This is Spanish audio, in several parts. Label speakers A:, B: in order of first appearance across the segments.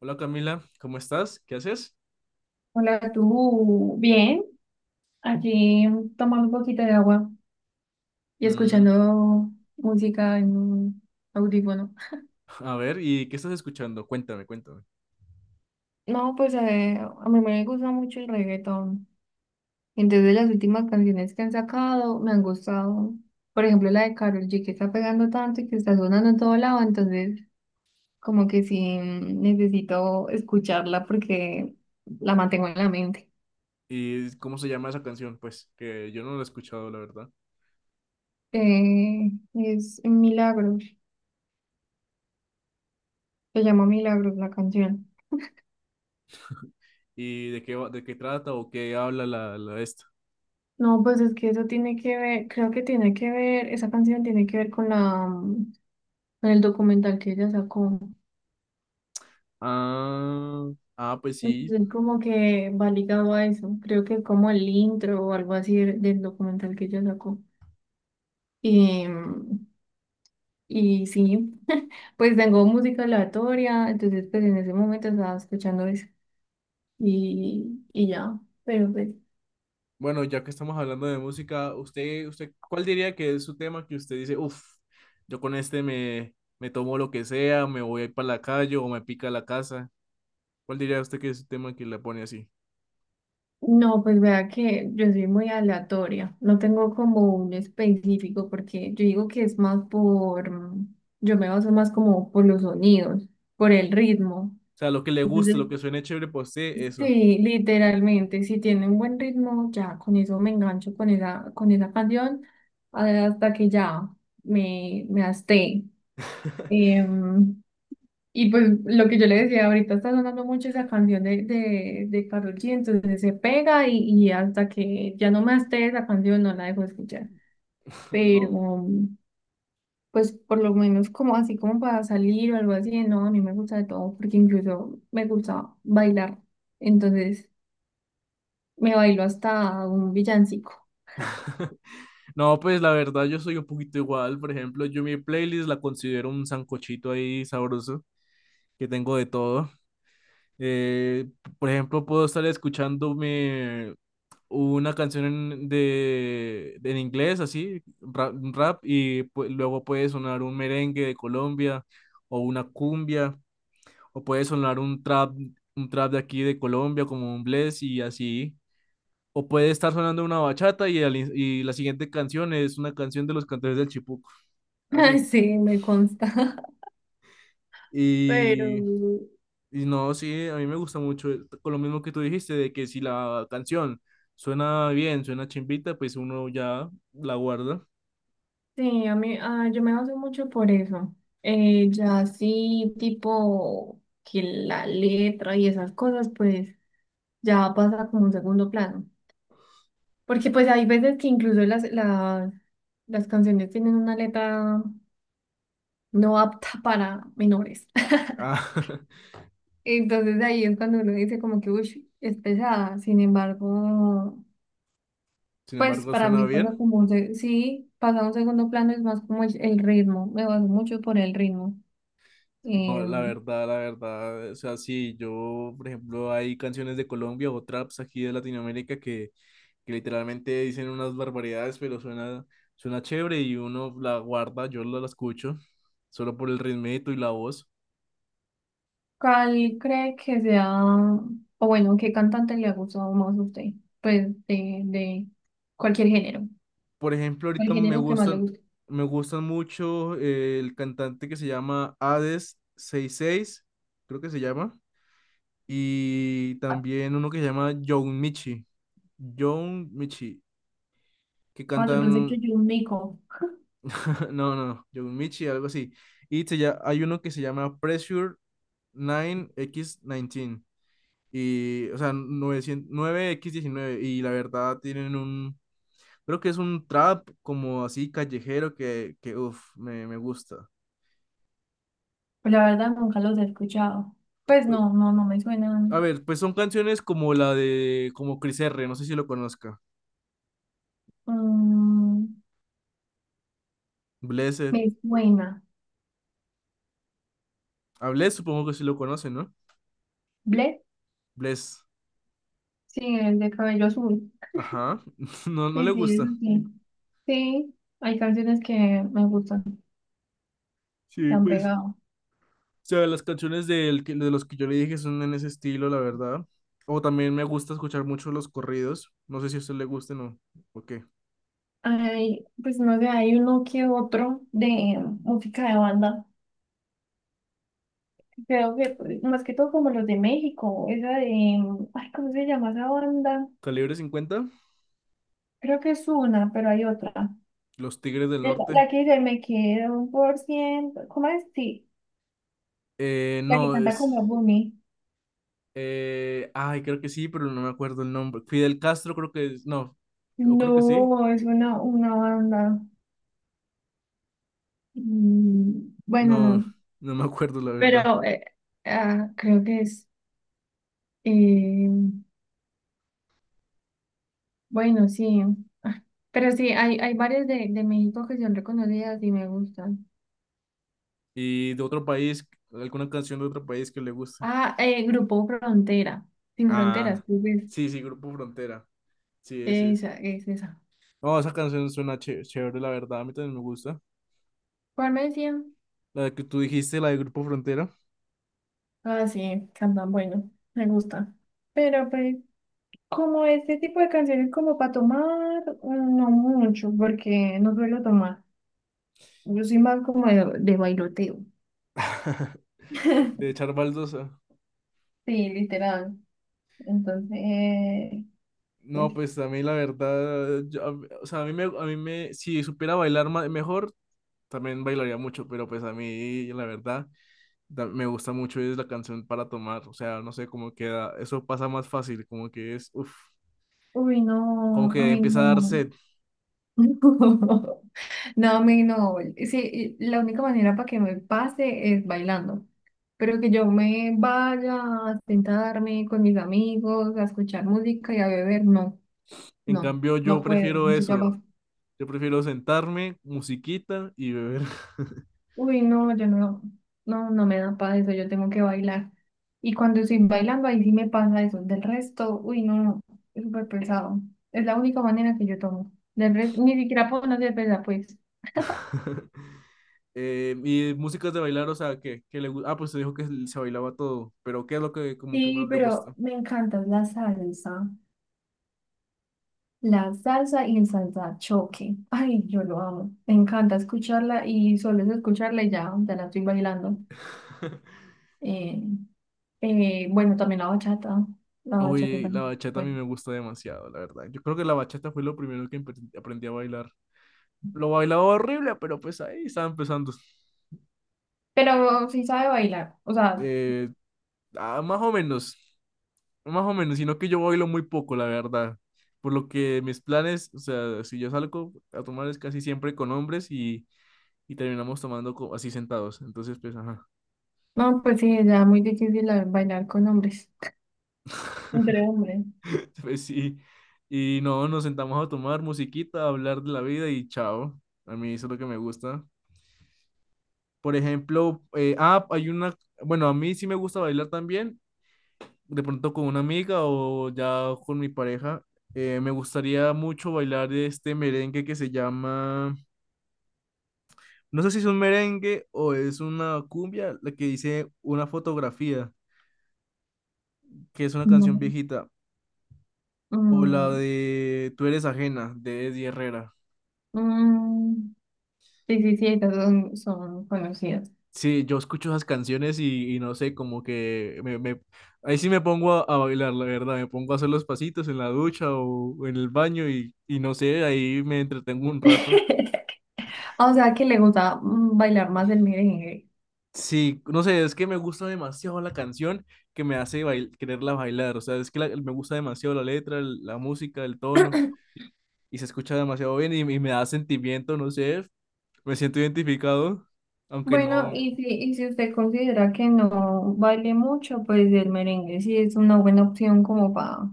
A: Hola Camila, ¿cómo estás? ¿Qué haces?
B: Hola, tú. Bien, aquí tomando un poquito de agua y
A: Mm.
B: escuchando música en un audífono.
A: A ver, ¿y qué estás escuchando? Cuéntame, cuéntame.
B: No, pues a mí me gusta mucho el reggaetón. Entonces las últimas canciones que han sacado me han gustado. Por ejemplo, la de Karol G que está pegando tanto y que está sonando en todo lado. Entonces, como que sí necesito escucharla porque la mantengo en la mente.
A: ¿Y cómo se llama esa canción? Pues que yo no la he escuchado, la verdad.
B: Es Milagros. Se llama Milagros la canción.
A: ¿Y de qué, de qué trata o qué habla la esta?
B: No, pues es que eso tiene que ver, creo que tiene que ver, esa canción tiene que ver con la, con el documental que ella sacó.
A: Ah, ah, pues sí.
B: Entonces, como que va ligado a eso. Creo que es como el intro o algo así del documental que ella sacó. Y, y sí, pues tengo música aleatoria, entonces pues en ese momento estaba escuchando eso. Y, ya, pero pues.
A: Bueno, ya que estamos hablando de música, ¿usted, cuál diría que es su tema que usted dice, uff, yo con este me tomo lo que sea, me voy a ir para la calle o me pica la casa? ¿Cuál diría usted que es su tema que le pone así?
B: No, pues vea que yo soy muy aleatoria, no tengo como un específico porque yo digo que es más por, yo me baso más como por los sonidos, por el ritmo.
A: O sea, lo que le gusta,
B: Entonces,
A: lo que suene chévere para usted, eso.
B: sí, literalmente, si tiene un buen ritmo, ya con eso me engancho con esa canción hasta que ya me hasté. Y pues lo que yo le decía, ahorita está sonando mucho esa canción de Karol G, entonces se pega y hasta que ya no me esté esa canción no la dejo escuchar. Pero
A: No.
B: pues por lo menos como así como para salir o algo así, no, a mí me gusta de todo porque incluso me gusta bailar. Entonces me bailo hasta un villancico.
A: No, pues la verdad yo soy un poquito igual. Por ejemplo, yo mi playlist la considero un sancochito ahí sabroso, que tengo de todo. Eh, por ejemplo, puedo estar escuchándome una canción en inglés, así, rap, rap, y luego puede sonar un merengue de Colombia o una cumbia, o puede sonar un trap de aquí de Colombia como un bless y así. O puede estar sonando una bachata y, y la siguiente canción es una canción de los cantores del Chipuco. Así.
B: Sí, me consta. Pero
A: Y, y no, sí, a mí me gusta mucho. Con lo mismo que tú dijiste, de que si la canción suena bien, suena chimbita, pues uno ya la guarda.
B: sí, a mí, yo me baso mucho por eso. Ya sí, tipo que la letra y esas cosas, pues ya pasa como un segundo plano. Porque pues hay veces que incluso las, las canciones tienen una letra no apta para menores.
A: Ah,
B: Entonces ahí es cuando uno dice como que, uy, es pesada. Sin embargo,
A: sin
B: pues
A: embargo,
B: para
A: suena
B: mí pasa
A: bien.
B: como sí, pasa a un segundo plano, es más como el ritmo. Me baso mucho por el ritmo.
A: No, la
B: Em,
A: verdad, la verdad. O sea, sí, yo, por ejemplo, hay canciones de Colombia o traps aquí de Latinoamérica que literalmente dicen unas barbaridades, pero suena, suena chévere y uno la guarda, yo la escucho, solo por el ritmito y la voz.
B: ¿Cuál cree que sea, o bueno, qué cantante le ha gustado más a usted? Pues de cualquier género,
A: Por ejemplo,
B: el género que más le guste.
A: me gustan mucho el cantante que se llama Hades 66 creo que se llama, y también uno que se llama John Michi, John Michi, que
B: Ah, yo
A: cantan,
B: pensé que yo un mico,
A: no, no, John Michi, algo así. Y hay uno que se llama Pressure 9X19. Y, o sea, 900 nueve x diecinueve. Y la verdad tienen un. Creo que es un trap como así callejero que uff, me gusta.
B: pues la verdad nunca los he escuchado. Pues no, no, no me
A: A
B: suenan.
A: ver, pues son canciones como la de. Como Chris R. No sé si lo conozca.
B: Mm,
A: Blessed.
B: me suena.
A: A Bless supongo que sí lo conocen, ¿no?
B: ¿Ble?
A: Bless.
B: Sí, el de cabello azul.
A: Ajá. No, no le
B: Sí, sí, eso
A: gusta.
B: sí. Sí, hay canciones que me gustan, que
A: Sí,
B: han
A: pues.
B: pegado.
A: O sea, las canciones de los que yo le dije son en ese estilo, la verdad. O también me gusta escuchar mucho los corridos. No sé si a usted le gusten o qué.
B: Ay, pues no sé, hay uno que otro de música de banda. Creo que pues, más que todo como los de México, esa de, ay, ¿cómo se llama esa banda?
A: ¿Calibre 50?
B: Creo que es una, pero hay otra.
A: Los Tigres del
B: La,
A: Norte.
B: la que dice, me quedo un por ciento, ¿cómo es? Sí, la que
A: No,
B: canta
A: es.
B: como Bunny.
A: Ay, creo que sí, pero no me acuerdo el nombre. Fidel Castro, creo que es. No, o creo que sí.
B: No, es una banda. Mm, bueno,
A: No,
B: no,
A: no me acuerdo, la verdad.
B: pero creo que es, eh, bueno, sí. Ah, pero sí, hay varias de México que son reconocidas y me gustan.
A: Y de otro país, alguna canción de otro país que le guste.
B: Grupo Frontera. Sin fronteras,
A: Ah,
B: creo que es.
A: sí, sí, Grupo Frontera. Sí, ese es.
B: Esa, es esa.
A: No, esa canción suena chévere, la verdad. A mí también me gusta.
B: ¿Cuál me decían?
A: La que tú dijiste, la de Grupo Frontera.
B: Ah, sí, cantan bueno, me gusta. Pero pues, como este tipo de canciones como para tomar, no mucho, porque no suelo tomar. Yo soy más como de bailoteo.
A: De echar baldosa.
B: Sí, literal. Entonces, pues,
A: No, pues a mí la verdad, o sea, a mí me, si supiera bailar mejor, también bailaría mucho, pero pues a mí, la verdad, me gusta mucho es la canción para tomar, o sea, no sé cómo queda, eso pasa más fácil, como que es, uff,
B: uy,
A: como
B: no, a
A: que
B: mí
A: empieza a dar
B: no.
A: sed.
B: No, me no. Sí, la única manera para que me pase es bailando. Pero que yo me vaya a sentarme con mis amigos, a escuchar música y a beber, no,
A: En
B: no,
A: cambio, yo
B: no puedo.
A: prefiero
B: Se
A: eso,
B: llama,
A: yo prefiero sentarme, musiquita y beber.
B: uy, no, yo no, no, no me da para eso, yo tengo que bailar. Y cuando estoy bailando, ahí sí me pasa eso. Del resto, uy, no, no, es súper pesado. Es la única manera que yo tomo. Del resto, ni siquiera puedo no ser pesada, pues.
A: Y músicas de bailar, o sea, que ah, pues te dijo que se bailaba todo, pero ¿qué es lo que como que más
B: Sí,
A: le
B: pero
A: gusta?
B: me encanta la salsa. La salsa y el salsa choque. Ay, yo lo amo. Me encanta escucharla y solo es escucharla y ya, ya la estoy bailando. Eh, bueno, también la bachata. La bachata
A: Uy, la
B: también.
A: bachata a mí
B: Bueno,
A: me gusta demasiado, la verdad. Yo creo que la bachata fue lo primero que aprendí a bailar. Lo bailaba horrible, pero pues ahí estaba empezando.
B: pero sí sabe bailar. O sea,
A: Eh, ah, más o menos, más o menos, sino que yo bailo muy poco, la verdad. Por lo que mis planes, o sea, si yo salgo a tomar es casi siempre con hombres y terminamos tomando así sentados. Entonces, pues, ajá,
B: no, pues sí, ya muy difícil bailar con hombres. Entre hombres.
A: pues sí. Y no, nos sentamos a tomar musiquita, a hablar de la vida y chao. A mí eso es lo que me gusta. Por ejemplo, hay una, bueno, a mí sí me gusta bailar también de pronto con una amiga o ya con mi pareja. Me gustaría mucho bailar este merengue que se llama, no sé si es un merengue o es una cumbia, la que dice una fotografía, que es una
B: No.
A: canción viejita, o la
B: Mm,
A: de Tú eres ajena, de Eddie Herrera.
B: mm, sí, sí, sí, esas son, son conocidas.
A: Sí, yo escucho esas canciones y no sé, como que ahí sí me pongo a bailar, la verdad, me pongo a hacer los pasitos en la ducha o en el baño y no sé, ahí me entretengo un rato.
B: O sea, que le gusta bailar más el merengue.
A: Sí, no sé, es que me gusta demasiado la canción que me hace quererla bailar. O sea, es que me gusta demasiado la letra, la música, el tono, y se escucha demasiado bien y me da sentimiento, no sé, me siento identificado, aunque
B: Bueno,
A: no,
B: y si usted considera que no baile mucho, pues el merengue sí es una buena opción como para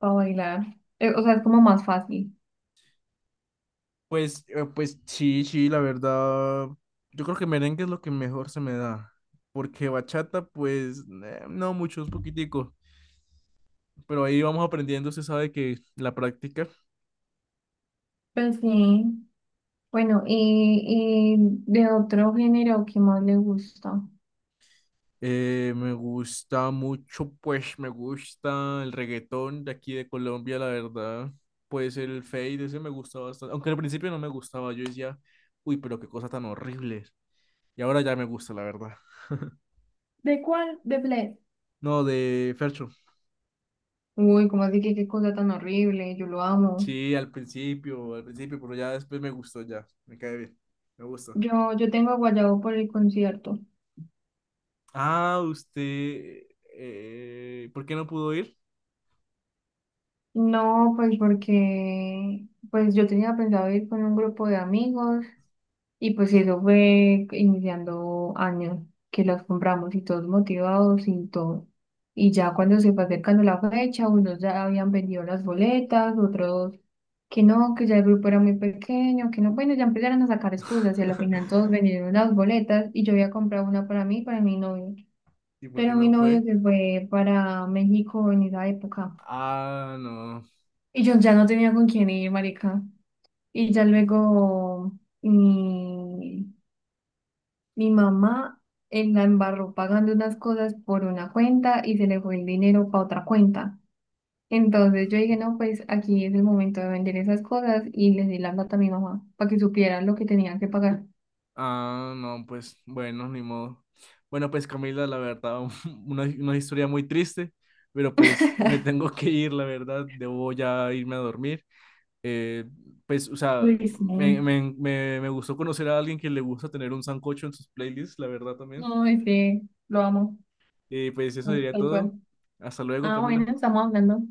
B: bailar. O sea, es como más fácil.
A: pues, pues sí, sí, la verdad, yo creo que merengue es lo que mejor se me da, porque bachata, pues, no mucho, es poquitico, pero ahí vamos aprendiendo, se sabe que la práctica.
B: Pues sí. Bueno, y de otro género qué más le gusta.
A: Me gusta mucho, pues me gusta el reggaetón de aquí de Colombia, la verdad. Pues el Fade, ese me gusta bastante. Aunque al principio no me gustaba, yo decía, uy, pero qué cosa tan horrible. Y ahora ya me gusta, la verdad.
B: ¿De cuál? De Bled.
A: No, de Fercho.
B: Uy, cómo así que qué cosa tan horrible, yo lo amo.
A: Sí, al principio, pero ya después me gustó, ya. Me cae bien. Me gusta.
B: Yo tengo a Guayabo por el concierto.
A: Ah, usted, ¿por qué no pudo ir?
B: No, pues porque pues yo tenía pensado ir con un grupo de amigos y pues eso fue iniciando año que las compramos y todos motivados y todo. Y ya cuando se fue acercando la fecha, unos ya habían vendido las boletas, otros que no, que ya el grupo era muy pequeño, que no, bueno, ya empezaron a sacar excusas y a la final todos vendieron las boletas y yo había comprado una para mí, y para mi novio.
A: ¿Y por qué
B: Pero mi
A: no
B: novio
A: fue?
B: se fue para México en esa época
A: Ah, no.
B: y yo ya no tenía con quién ir, marica. Y ya luego... mm, mi mamá la embarró pagando unas cosas por una cuenta y se le fue el dinero para otra cuenta. Entonces yo dije, no, pues aquí es el momento de vender esas cosas y les di la plata a mi mamá para que supieran lo que tenían que pagar.
A: Ah, no, pues bueno, ni modo. Bueno, pues Camila, la verdad, una historia muy triste, pero pues me tengo que ir, la verdad, debo ya irme a dormir. Eh, pues, o sea,
B: Uy, sí.
A: me gustó conocer a alguien que le gusta tener un sancocho en sus playlists, la verdad también.
B: No, ese lo amo,
A: Y pues eso
B: no,
A: sería
B: tal cual.
A: todo. Hasta luego,
B: Ah, bueno,
A: Camila.
B: estamos hablando.